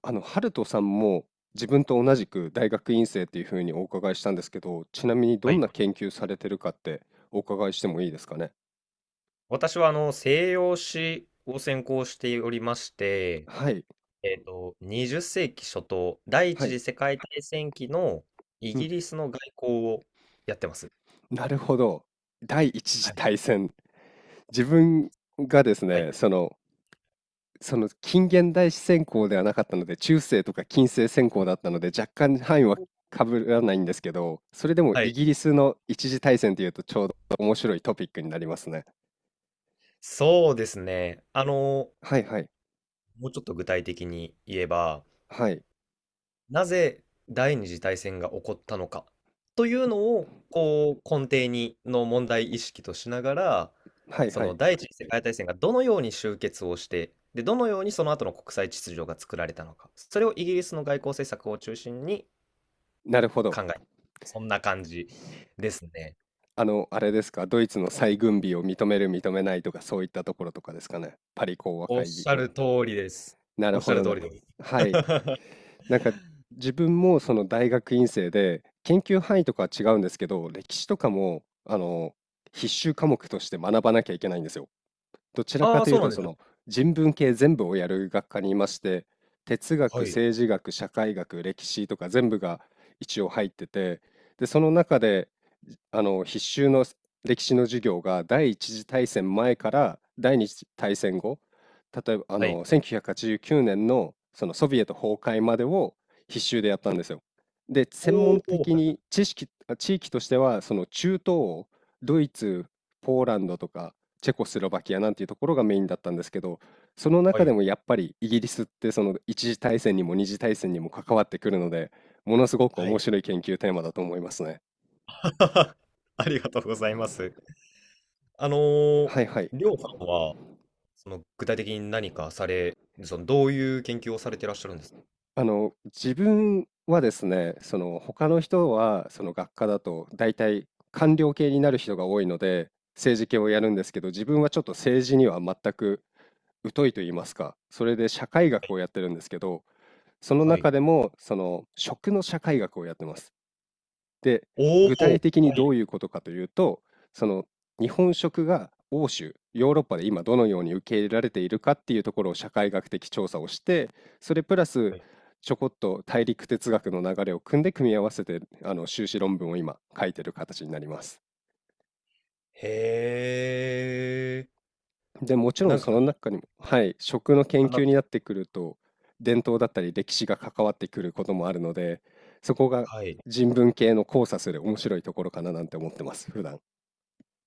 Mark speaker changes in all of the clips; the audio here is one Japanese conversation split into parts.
Speaker 1: あの、ハルトさんも自分と同じく大学院生っていうふうにお伺いしたんですけど、ちなみにど
Speaker 2: は
Speaker 1: ん
Speaker 2: い。
Speaker 1: な研究されてるかってお伺いしてもいいですかね。
Speaker 2: 私は西洋史を専攻しておりまして、
Speaker 1: はい、
Speaker 2: 20世紀初頭、第一
Speaker 1: はい、
Speaker 2: 次世界大戦期のイ
Speaker 1: う
Speaker 2: ギ
Speaker 1: ん、
Speaker 2: リスの外交をやってます。
Speaker 1: なるほど。第一次
Speaker 2: はい。
Speaker 1: 大戦。自分がです
Speaker 2: はい。
Speaker 1: ね、その近現代史専攻ではなかったので、中世とか近世専攻だったので、若干範囲はかぶらないんですけど、それでも
Speaker 2: は
Speaker 1: イ
Speaker 2: い。
Speaker 1: ギリスの一次大戦っていうとちょうど面白いトピックになりますね。
Speaker 2: そうですね。
Speaker 1: はいはい、
Speaker 2: もうちょっと具体的に言えば、
Speaker 1: はい、
Speaker 2: なぜ第二次大戦が起こったのかというのをこう根底にの問題意識としながら、
Speaker 1: はい
Speaker 2: そ
Speaker 1: は
Speaker 2: の
Speaker 1: い。
Speaker 2: 第一次世界大戦がどのように終結をして、でどのようにその後の国際秩序が作られたのか、それをイギリスの外交政策を中心に
Speaker 1: なるほど。
Speaker 2: 考え、そんな感じですね。
Speaker 1: あの、あれですか、ドイツの再軍備を認める、認めないとか、そういったところとかですかね。パリ講和
Speaker 2: おっ
Speaker 1: 会議
Speaker 2: しゃ
Speaker 1: 後。
Speaker 2: る通りです。
Speaker 1: な
Speaker 2: お
Speaker 1: る
Speaker 2: っし
Speaker 1: ほ
Speaker 2: ゃる
Speaker 1: ど
Speaker 2: 通
Speaker 1: な。
Speaker 2: りです。
Speaker 1: はい。なんか、自分もその大学院生で、研究範囲とかは違うんですけど、歴史とかも、あの、必修科目として学ばなきゃいけないんですよ。どちらか
Speaker 2: ああ、
Speaker 1: とい
Speaker 2: そ
Speaker 1: う
Speaker 2: うな
Speaker 1: と
Speaker 2: んで
Speaker 1: その
Speaker 2: す。
Speaker 1: 人文系全部をやる学科にいまして、哲学、
Speaker 2: はい。
Speaker 1: 政治学、社会学、歴史とか全部が一応入ってて、で、その中であの必修の歴史の授業が第一次大戦前から第二次大戦後、例えばあ
Speaker 2: はい。
Speaker 1: の1989年のそのソビエト崩壊までを必修でやったんですよ。で、専門
Speaker 2: おお、
Speaker 1: 的に知識あ地域としてはその中東欧、ドイツ、ポーランドとか、チェコスロバキアなんていうところがメインだったんですけど、その
Speaker 2: は
Speaker 1: 中で
Speaker 2: い。
Speaker 1: もやっぱりイギリスってその一次大戦にも二次大戦にも関わってくるので、ものすごく
Speaker 2: は
Speaker 1: 面
Speaker 2: い。
Speaker 1: 白い研究テーマだと思いますね。
Speaker 2: はい。ありがとうございます。あのー、
Speaker 1: はいはい。
Speaker 2: りょうさんは、その具体的に何かされ、そのどういう研究をされてらっしゃるんですか？
Speaker 1: あの、自分はですね、その他の人はその学科だと大体官僚系になる人が多いので、政治系をやるんですけど、自分はちょっと政治には全く疎いと言いますか、それで社会学をやってるんですけど、その
Speaker 2: はい。
Speaker 1: 中でもその食の社会学をやってます。で、
Speaker 2: おお、は
Speaker 1: 具体的にど
Speaker 2: い。
Speaker 1: ういうことかというと、その日本食が欧州、ヨーロッパで今どのように受け入れられているかっていうところを社会学的調査をして、それプラス
Speaker 2: はい、
Speaker 1: ちょこっと大陸哲学の流れを組んで組み合わせて、あの修士論文を今書いてる形になります。
Speaker 2: へえ、
Speaker 1: で、もちろ
Speaker 2: な
Speaker 1: ん
Speaker 2: ん
Speaker 1: そ
Speaker 2: か、
Speaker 1: の中にも、はい、食の研
Speaker 2: あ
Speaker 1: 究
Speaker 2: な
Speaker 1: になってくると、伝統だったり歴史が関わってくることもあるので、そこが
Speaker 2: はい。
Speaker 1: 人文系の交差する面白いところかななんて思ってます、普段。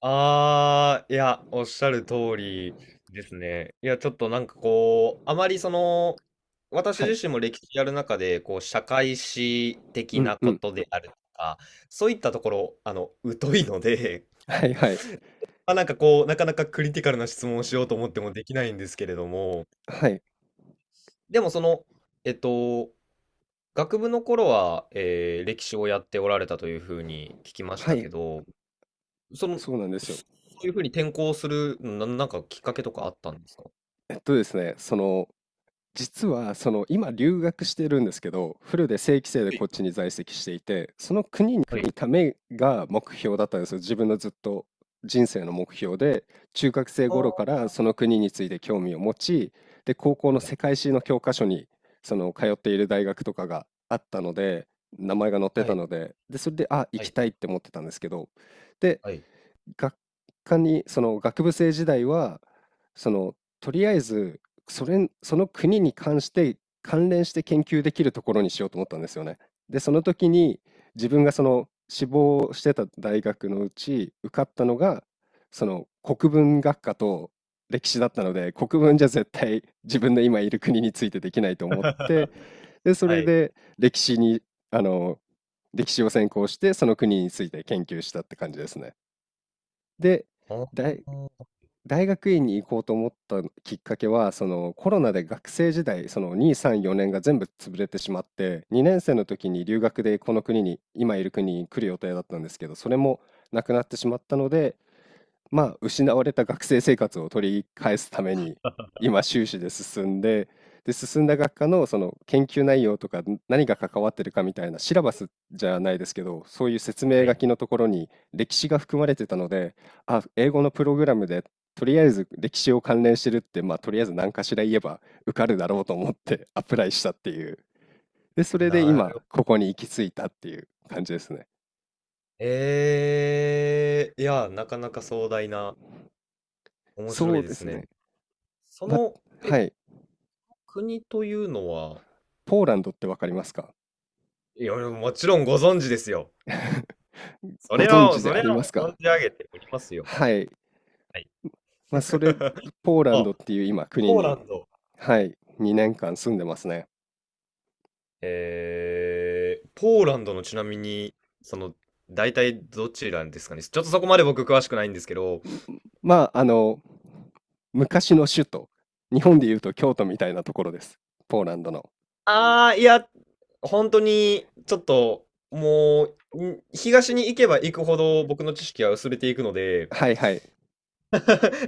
Speaker 2: いや、おっしゃる通りですね。いや、ちょっとなんかこう、あまり私
Speaker 1: はい。
Speaker 2: 自身も歴史やる中で、こう、社会史的
Speaker 1: うん
Speaker 2: な
Speaker 1: う
Speaker 2: こ
Speaker 1: ん。
Speaker 2: とであるとか、そういったところ、疎いので、
Speaker 1: はいはい。
Speaker 2: まあ、なんかこう、なかなかクリティカルな質問をしようと思ってもできないんですけれども、
Speaker 1: はい。
Speaker 2: でもえっと、学部の頃は、歴史をやっておられたというふうに聞きまし
Speaker 1: は
Speaker 2: た
Speaker 1: い。
Speaker 2: けど、その、
Speaker 1: そうなんですよ。
Speaker 2: そそういうふうに転校する、なんかきっかけとかあったんですか？
Speaker 1: ですね、その、実は、その、今留学してるんですけど、フルで正規生でこっちに在籍していて、その国に
Speaker 2: は
Speaker 1: 来
Speaker 2: い。
Speaker 1: るためが目標だったんですよ。自分のずっと人生の目標で、中学生
Speaker 2: ああ、
Speaker 1: 頃から
Speaker 2: は
Speaker 1: その国について興味を持ち、で、高校の
Speaker 2: い、
Speaker 1: 世界史の教科書に、その、通っている大学とかがあったので、名前が載って
Speaker 2: は
Speaker 1: た
Speaker 2: い、
Speaker 1: ので、で、それで、あ、行
Speaker 2: は
Speaker 1: き
Speaker 2: い、
Speaker 1: たいって思ってたんですけど、で、
Speaker 2: はい、
Speaker 1: 学科に、その学部生時代は、その、とりあえず、それ、その国に関して、関連して研究できるところにしようと思ったんですよね。で、その時に、自分がその志望してた大学のうち、受かったのが、その国文学科と歴史だったので、国文じゃ絶対自分の今いる国についてできないと思って、で、そ
Speaker 2: は
Speaker 1: れ
Speaker 2: い。
Speaker 1: で歴史に、あの、歴史を専攻して、その国について研究したって感じですね。で、
Speaker 2: あ
Speaker 1: 大
Speaker 2: ー
Speaker 1: 大学院に行こうと思ったきっかけは、そのコロナで学生時代、その2、3、4年が全部潰れてしまって、2年生の時に留学でこの国に、今いる国に来る予定だったんですけど、それもなくなってしまったので、まあ、失われた学生生活を取り返すために今修士で進んで、で、進んだ学科のその研究内容とか何が関わってるかみたいな、シラバスじゃないですけど、そういう説明
Speaker 2: は
Speaker 1: 書
Speaker 2: い。
Speaker 1: きのところに歴史が含まれてたので、あ、英語のプログラムで、とりあえず歴史を関連してるって、まあとりあえず何かしら言えば受かるだろうと思ってアプライしたっていう、で、それで
Speaker 2: なる
Speaker 1: 今
Speaker 2: ほど。
Speaker 1: ここに行き着いたっていう感じですね。
Speaker 2: いや、なかなか壮大な、面白
Speaker 1: そ
Speaker 2: い
Speaker 1: う
Speaker 2: で
Speaker 1: で
Speaker 2: す
Speaker 1: す
Speaker 2: ね。
Speaker 1: ね。
Speaker 2: そ
Speaker 1: まあ、
Speaker 2: の、え、
Speaker 1: はい。
Speaker 2: 国というのは？
Speaker 1: ポーランドってわかりますか？
Speaker 2: いや、もちろんご存知ですよ。そ
Speaker 1: ご
Speaker 2: れ
Speaker 1: 存
Speaker 2: は、
Speaker 1: 知で
Speaker 2: そ
Speaker 1: あ
Speaker 2: れは
Speaker 1: ります
Speaker 2: 存
Speaker 1: か？
Speaker 2: じ上げておりますよ。
Speaker 1: はい。
Speaker 2: はい。
Speaker 1: まあ、それ、ポーラン
Speaker 2: あ、
Speaker 1: ドっていう今国
Speaker 2: ポーラ
Speaker 1: に、
Speaker 2: ンド。
Speaker 1: はい、2年間住んでますね。
Speaker 2: ポーランドのちなみに、その、大体どちらですかね？ちょっとそこまで僕詳しくないんですけど。
Speaker 1: んまあ、あの、昔の首都、日本でいうと京都みたいなところです。ポーランドの。
Speaker 2: いや、本当に、ちょっと、もう、東に行けば行くほど僕の知識は薄れていくので、
Speaker 1: はいはい。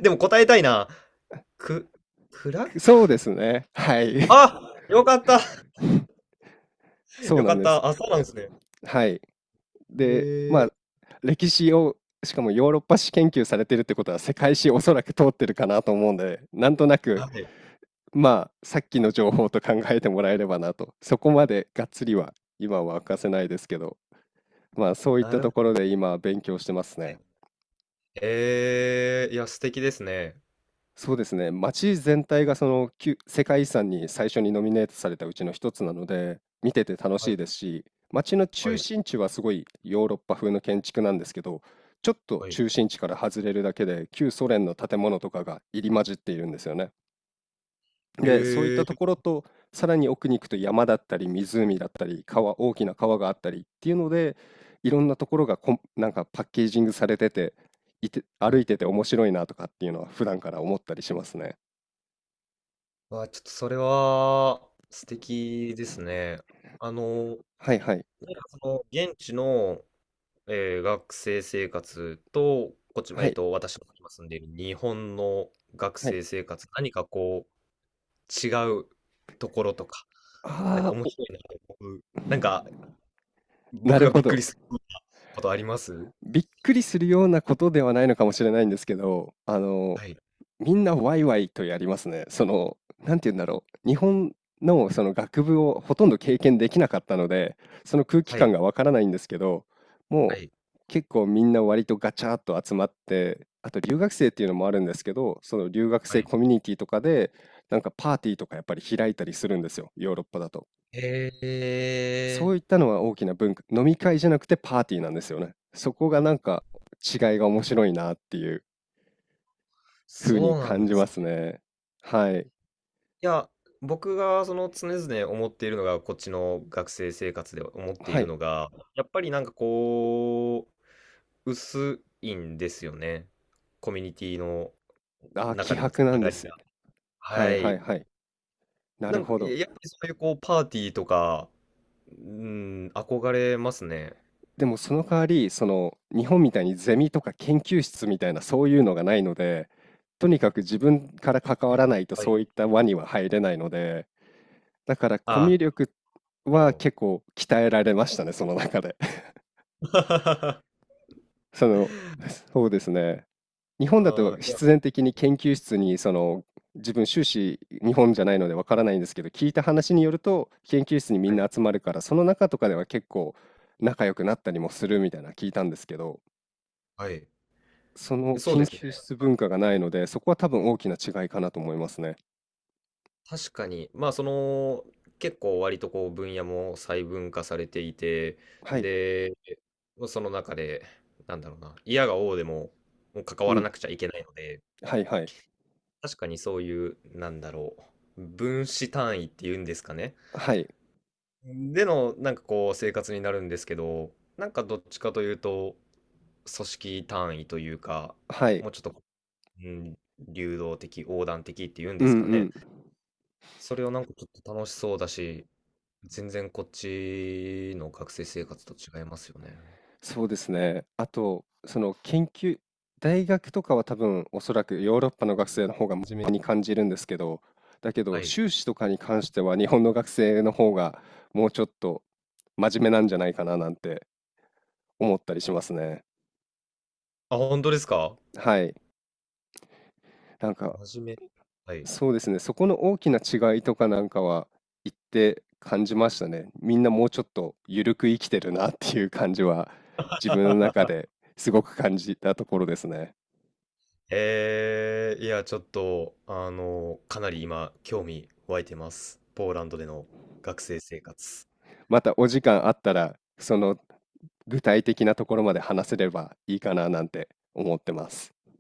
Speaker 2: でも答えたいな。く、クラク
Speaker 1: そうで
Speaker 2: フと。
Speaker 1: すね。はい。
Speaker 2: あ、よかった。
Speaker 1: そう
Speaker 2: よ
Speaker 1: な
Speaker 2: か
Speaker 1: ん
Speaker 2: っ
Speaker 1: です。
Speaker 2: た。あ、そうなんですね。
Speaker 1: はい。
Speaker 2: へ
Speaker 1: で、ま
Speaker 2: ー、
Speaker 1: あ、歴史を、しかもヨーロッパ史研究されてるってことは、世界史おそらく通ってるかなと思うんで、なんとなく
Speaker 2: はい、
Speaker 1: まあさっきの情報と考えてもらえればなと、そこまでがっつりは今は明かせないですけど、まあそういっ
Speaker 2: な
Speaker 1: た
Speaker 2: る
Speaker 1: とこ
Speaker 2: ほど、
Speaker 1: ろで今勉強してます
Speaker 2: は
Speaker 1: ね。
Speaker 2: い。ええ、いや、素敵ですね。
Speaker 1: そうですね、街全体がその旧世界遺産に最初にノミネートされたうちの一つなので、見てて楽
Speaker 2: はい、
Speaker 1: しいですし、街の
Speaker 2: は
Speaker 1: 中
Speaker 2: い、
Speaker 1: 心地はすごいヨーロッパ風の建築なんですけど、ちょっと
Speaker 2: はい。
Speaker 1: 中心地から外れるだけで旧ソ連の建物とかが入り混じっているんですよね。
Speaker 2: え
Speaker 1: で、そういったと
Speaker 2: え、
Speaker 1: ころと、さらに奥に行くと山だったり湖だったり川、大きな川があったりっていうので、いろんなところがこんなんかパッケージングされてて、
Speaker 2: は
Speaker 1: 歩い
Speaker 2: い。
Speaker 1: てて面白いなとかっていうのは普段から思ったりしますね。
Speaker 2: わ、ちょっとそれは素敵ですね。あの、
Speaker 1: はいはい。
Speaker 2: なんか現地の、学生生活と、こっち、
Speaker 1: はい、
Speaker 2: 私の今住んでいる日本の学
Speaker 1: はい。
Speaker 2: 生生活、何かこう、違うところとか、なんか
Speaker 1: あ
Speaker 2: 面
Speaker 1: あ、
Speaker 2: 白いなと思う、なんか、
Speaker 1: な
Speaker 2: 僕
Speaker 1: る
Speaker 2: が
Speaker 1: ほ
Speaker 2: びっくり
Speaker 1: ど。
Speaker 2: することあります？
Speaker 1: びっくりするようなことではないのかもしれないんですけど、あの
Speaker 2: はい、
Speaker 1: みんなワイワイとやりますね。その、なんて言うんだろう。日本のその学部をほとんど経験できなかったので、その空気
Speaker 2: は
Speaker 1: 感
Speaker 2: い、
Speaker 1: がわからないんですけど、
Speaker 2: は
Speaker 1: もう
Speaker 2: い、
Speaker 1: 結構みんな割とガチャっと集まって、あと留学生っていうのもあるんですけど、その留学
Speaker 2: は
Speaker 1: 生
Speaker 2: い。
Speaker 1: コミュニティとかで、なんかパーティーとかやっぱり開いたりするんですよ、ヨーロッパだと。
Speaker 2: へ
Speaker 1: そ
Speaker 2: え、
Speaker 1: ういったのは大きな文化、飲み会じゃなくてパーティーなんですよね。そこがなんか違いが面白いなっていう風に
Speaker 2: そうなん
Speaker 1: 感
Speaker 2: で
Speaker 1: じ
Speaker 2: す。
Speaker 1: ますね。はい。
Speaker 2: いや、僕が常々思っているのが、こっちの学生生活で思ってい
Speaker 1: は
Speaker 2: る
Speaker 1: い。
Speaker 2: のが、やっぱりなんかこう、薄いんですよね。コミュニティの
Speaker 1: あー、
Speaker 2: 中
Speaker 1: 希
Speaker 2: でのつ
Speaker 1: 薄な
Speaker 2: な
Speaker 1: んで
Speaker 2: がり
Speaker 1: す。
Speaker 2: が。
Speaker 1: は
Speaker 2: は
Speaker 1: いはい
Speaker 2: い。
Speaker 1: はい。な
Speaker 2: な
Speaker 1: る
Speaker 2: んか、
Speaker 1: ほど。
Speaker 2: やっぱりそういうこう、パーティーとか、うん、憧れますね。
Speaker 1: でもその代わり、その日本みたいにゼミとか研究室みたいなそういうのがないので、とにかく自分から関わらないと
Speaker 2: はい。
Speaker 1: そういった輪には入れないので、だからコ
Speaker 2: ああ、
Speaker 1: ミ
Speaker 2: な
Speaker 1: ュ
Speaker 2: る
Speaker 1: 力
Speaker 2: ほ
Speaker 1: は
Speaker 2: ど。
Speaker 1: 結構鍛えられましたね、その中で。その、そうですね。日本だと
Speaker 2: ああ、いや、
Speaker 1: 必然的に研究室にその自分修士日本じゃないのでわからないんですけど、聞いた話によると研究室にみ
Speaker 2: は
Speaker 1: んな
Speaker 2: い。
Speaker 1: 集まるから、その中とかでは結構仲良くなったりもするみたいな聞いたんですけど、
Speaker 2: はい。
Speaker 1: その
Speaker 2: そう
Speaker 1: 研
Speaker 2: ですね。
Speaker 1: 究室文化がないので、そこは多分大きな違いかなと思いますね。
Speaker 2: 確かに、まあ結構割とこう分野も細分化されていて、
Speaker 1: はい。
Speaker 2: で、その中で、なんだろうな、嫌が応でも、もう関
Speaker 1: う
Speaker 2: わら
Speaker 1: ん。
Speaker 2: なくちゃいけないので、
Speaker 1: はいはい。
Speaker 2: 確かにそういう、なんだろう、分子単位っていうんですかね。
Speaker 1: はい。
Speaker 2: での、なんかこう生活になるんですけど、なんかどっちかというと、組織単位というか、
Speaker 1: はい。
Speaker 2: もうちょっと、うん、流動的、横断的っていうん
Speaker 1: う
Speaker 2: で
Speaker 1: んう
Speaker 2: すかね。
Speaker 1: ん。
Speaker 2: それをなんかちょっと楽しそうだし、全然こっちの学生生活と違いますよね。
Speaker 1: そうですね。あと、その研究、大学とかは多分おそらくヨーロッパの学生の方が真面目に感じるんですけど、だけど
Speaker 2: はい。
Speaker 1: 修士とかに関しては日本の学生の方がもうちょっと真面目なんじゃないかななんて思ったりしますね。
Speaker 2: あ、本当ですか？
Speaker 1: はい。なんか
Speaker 2: 真面目。はい。
Speaker 1: そうですね。そこの大きな違いとかなんかは言って感じましたね。みんなもうちょっと緩く生きてるなっていう感じは自分の中で すごく感じたところですね。
Speaker 2: いや、ちょっと、かなり今、興味湧いてます。ポーランドでの学生生活。
Speaker 1: またお時間あったら、その具体的なところまで話せればいいかななんて思ってます。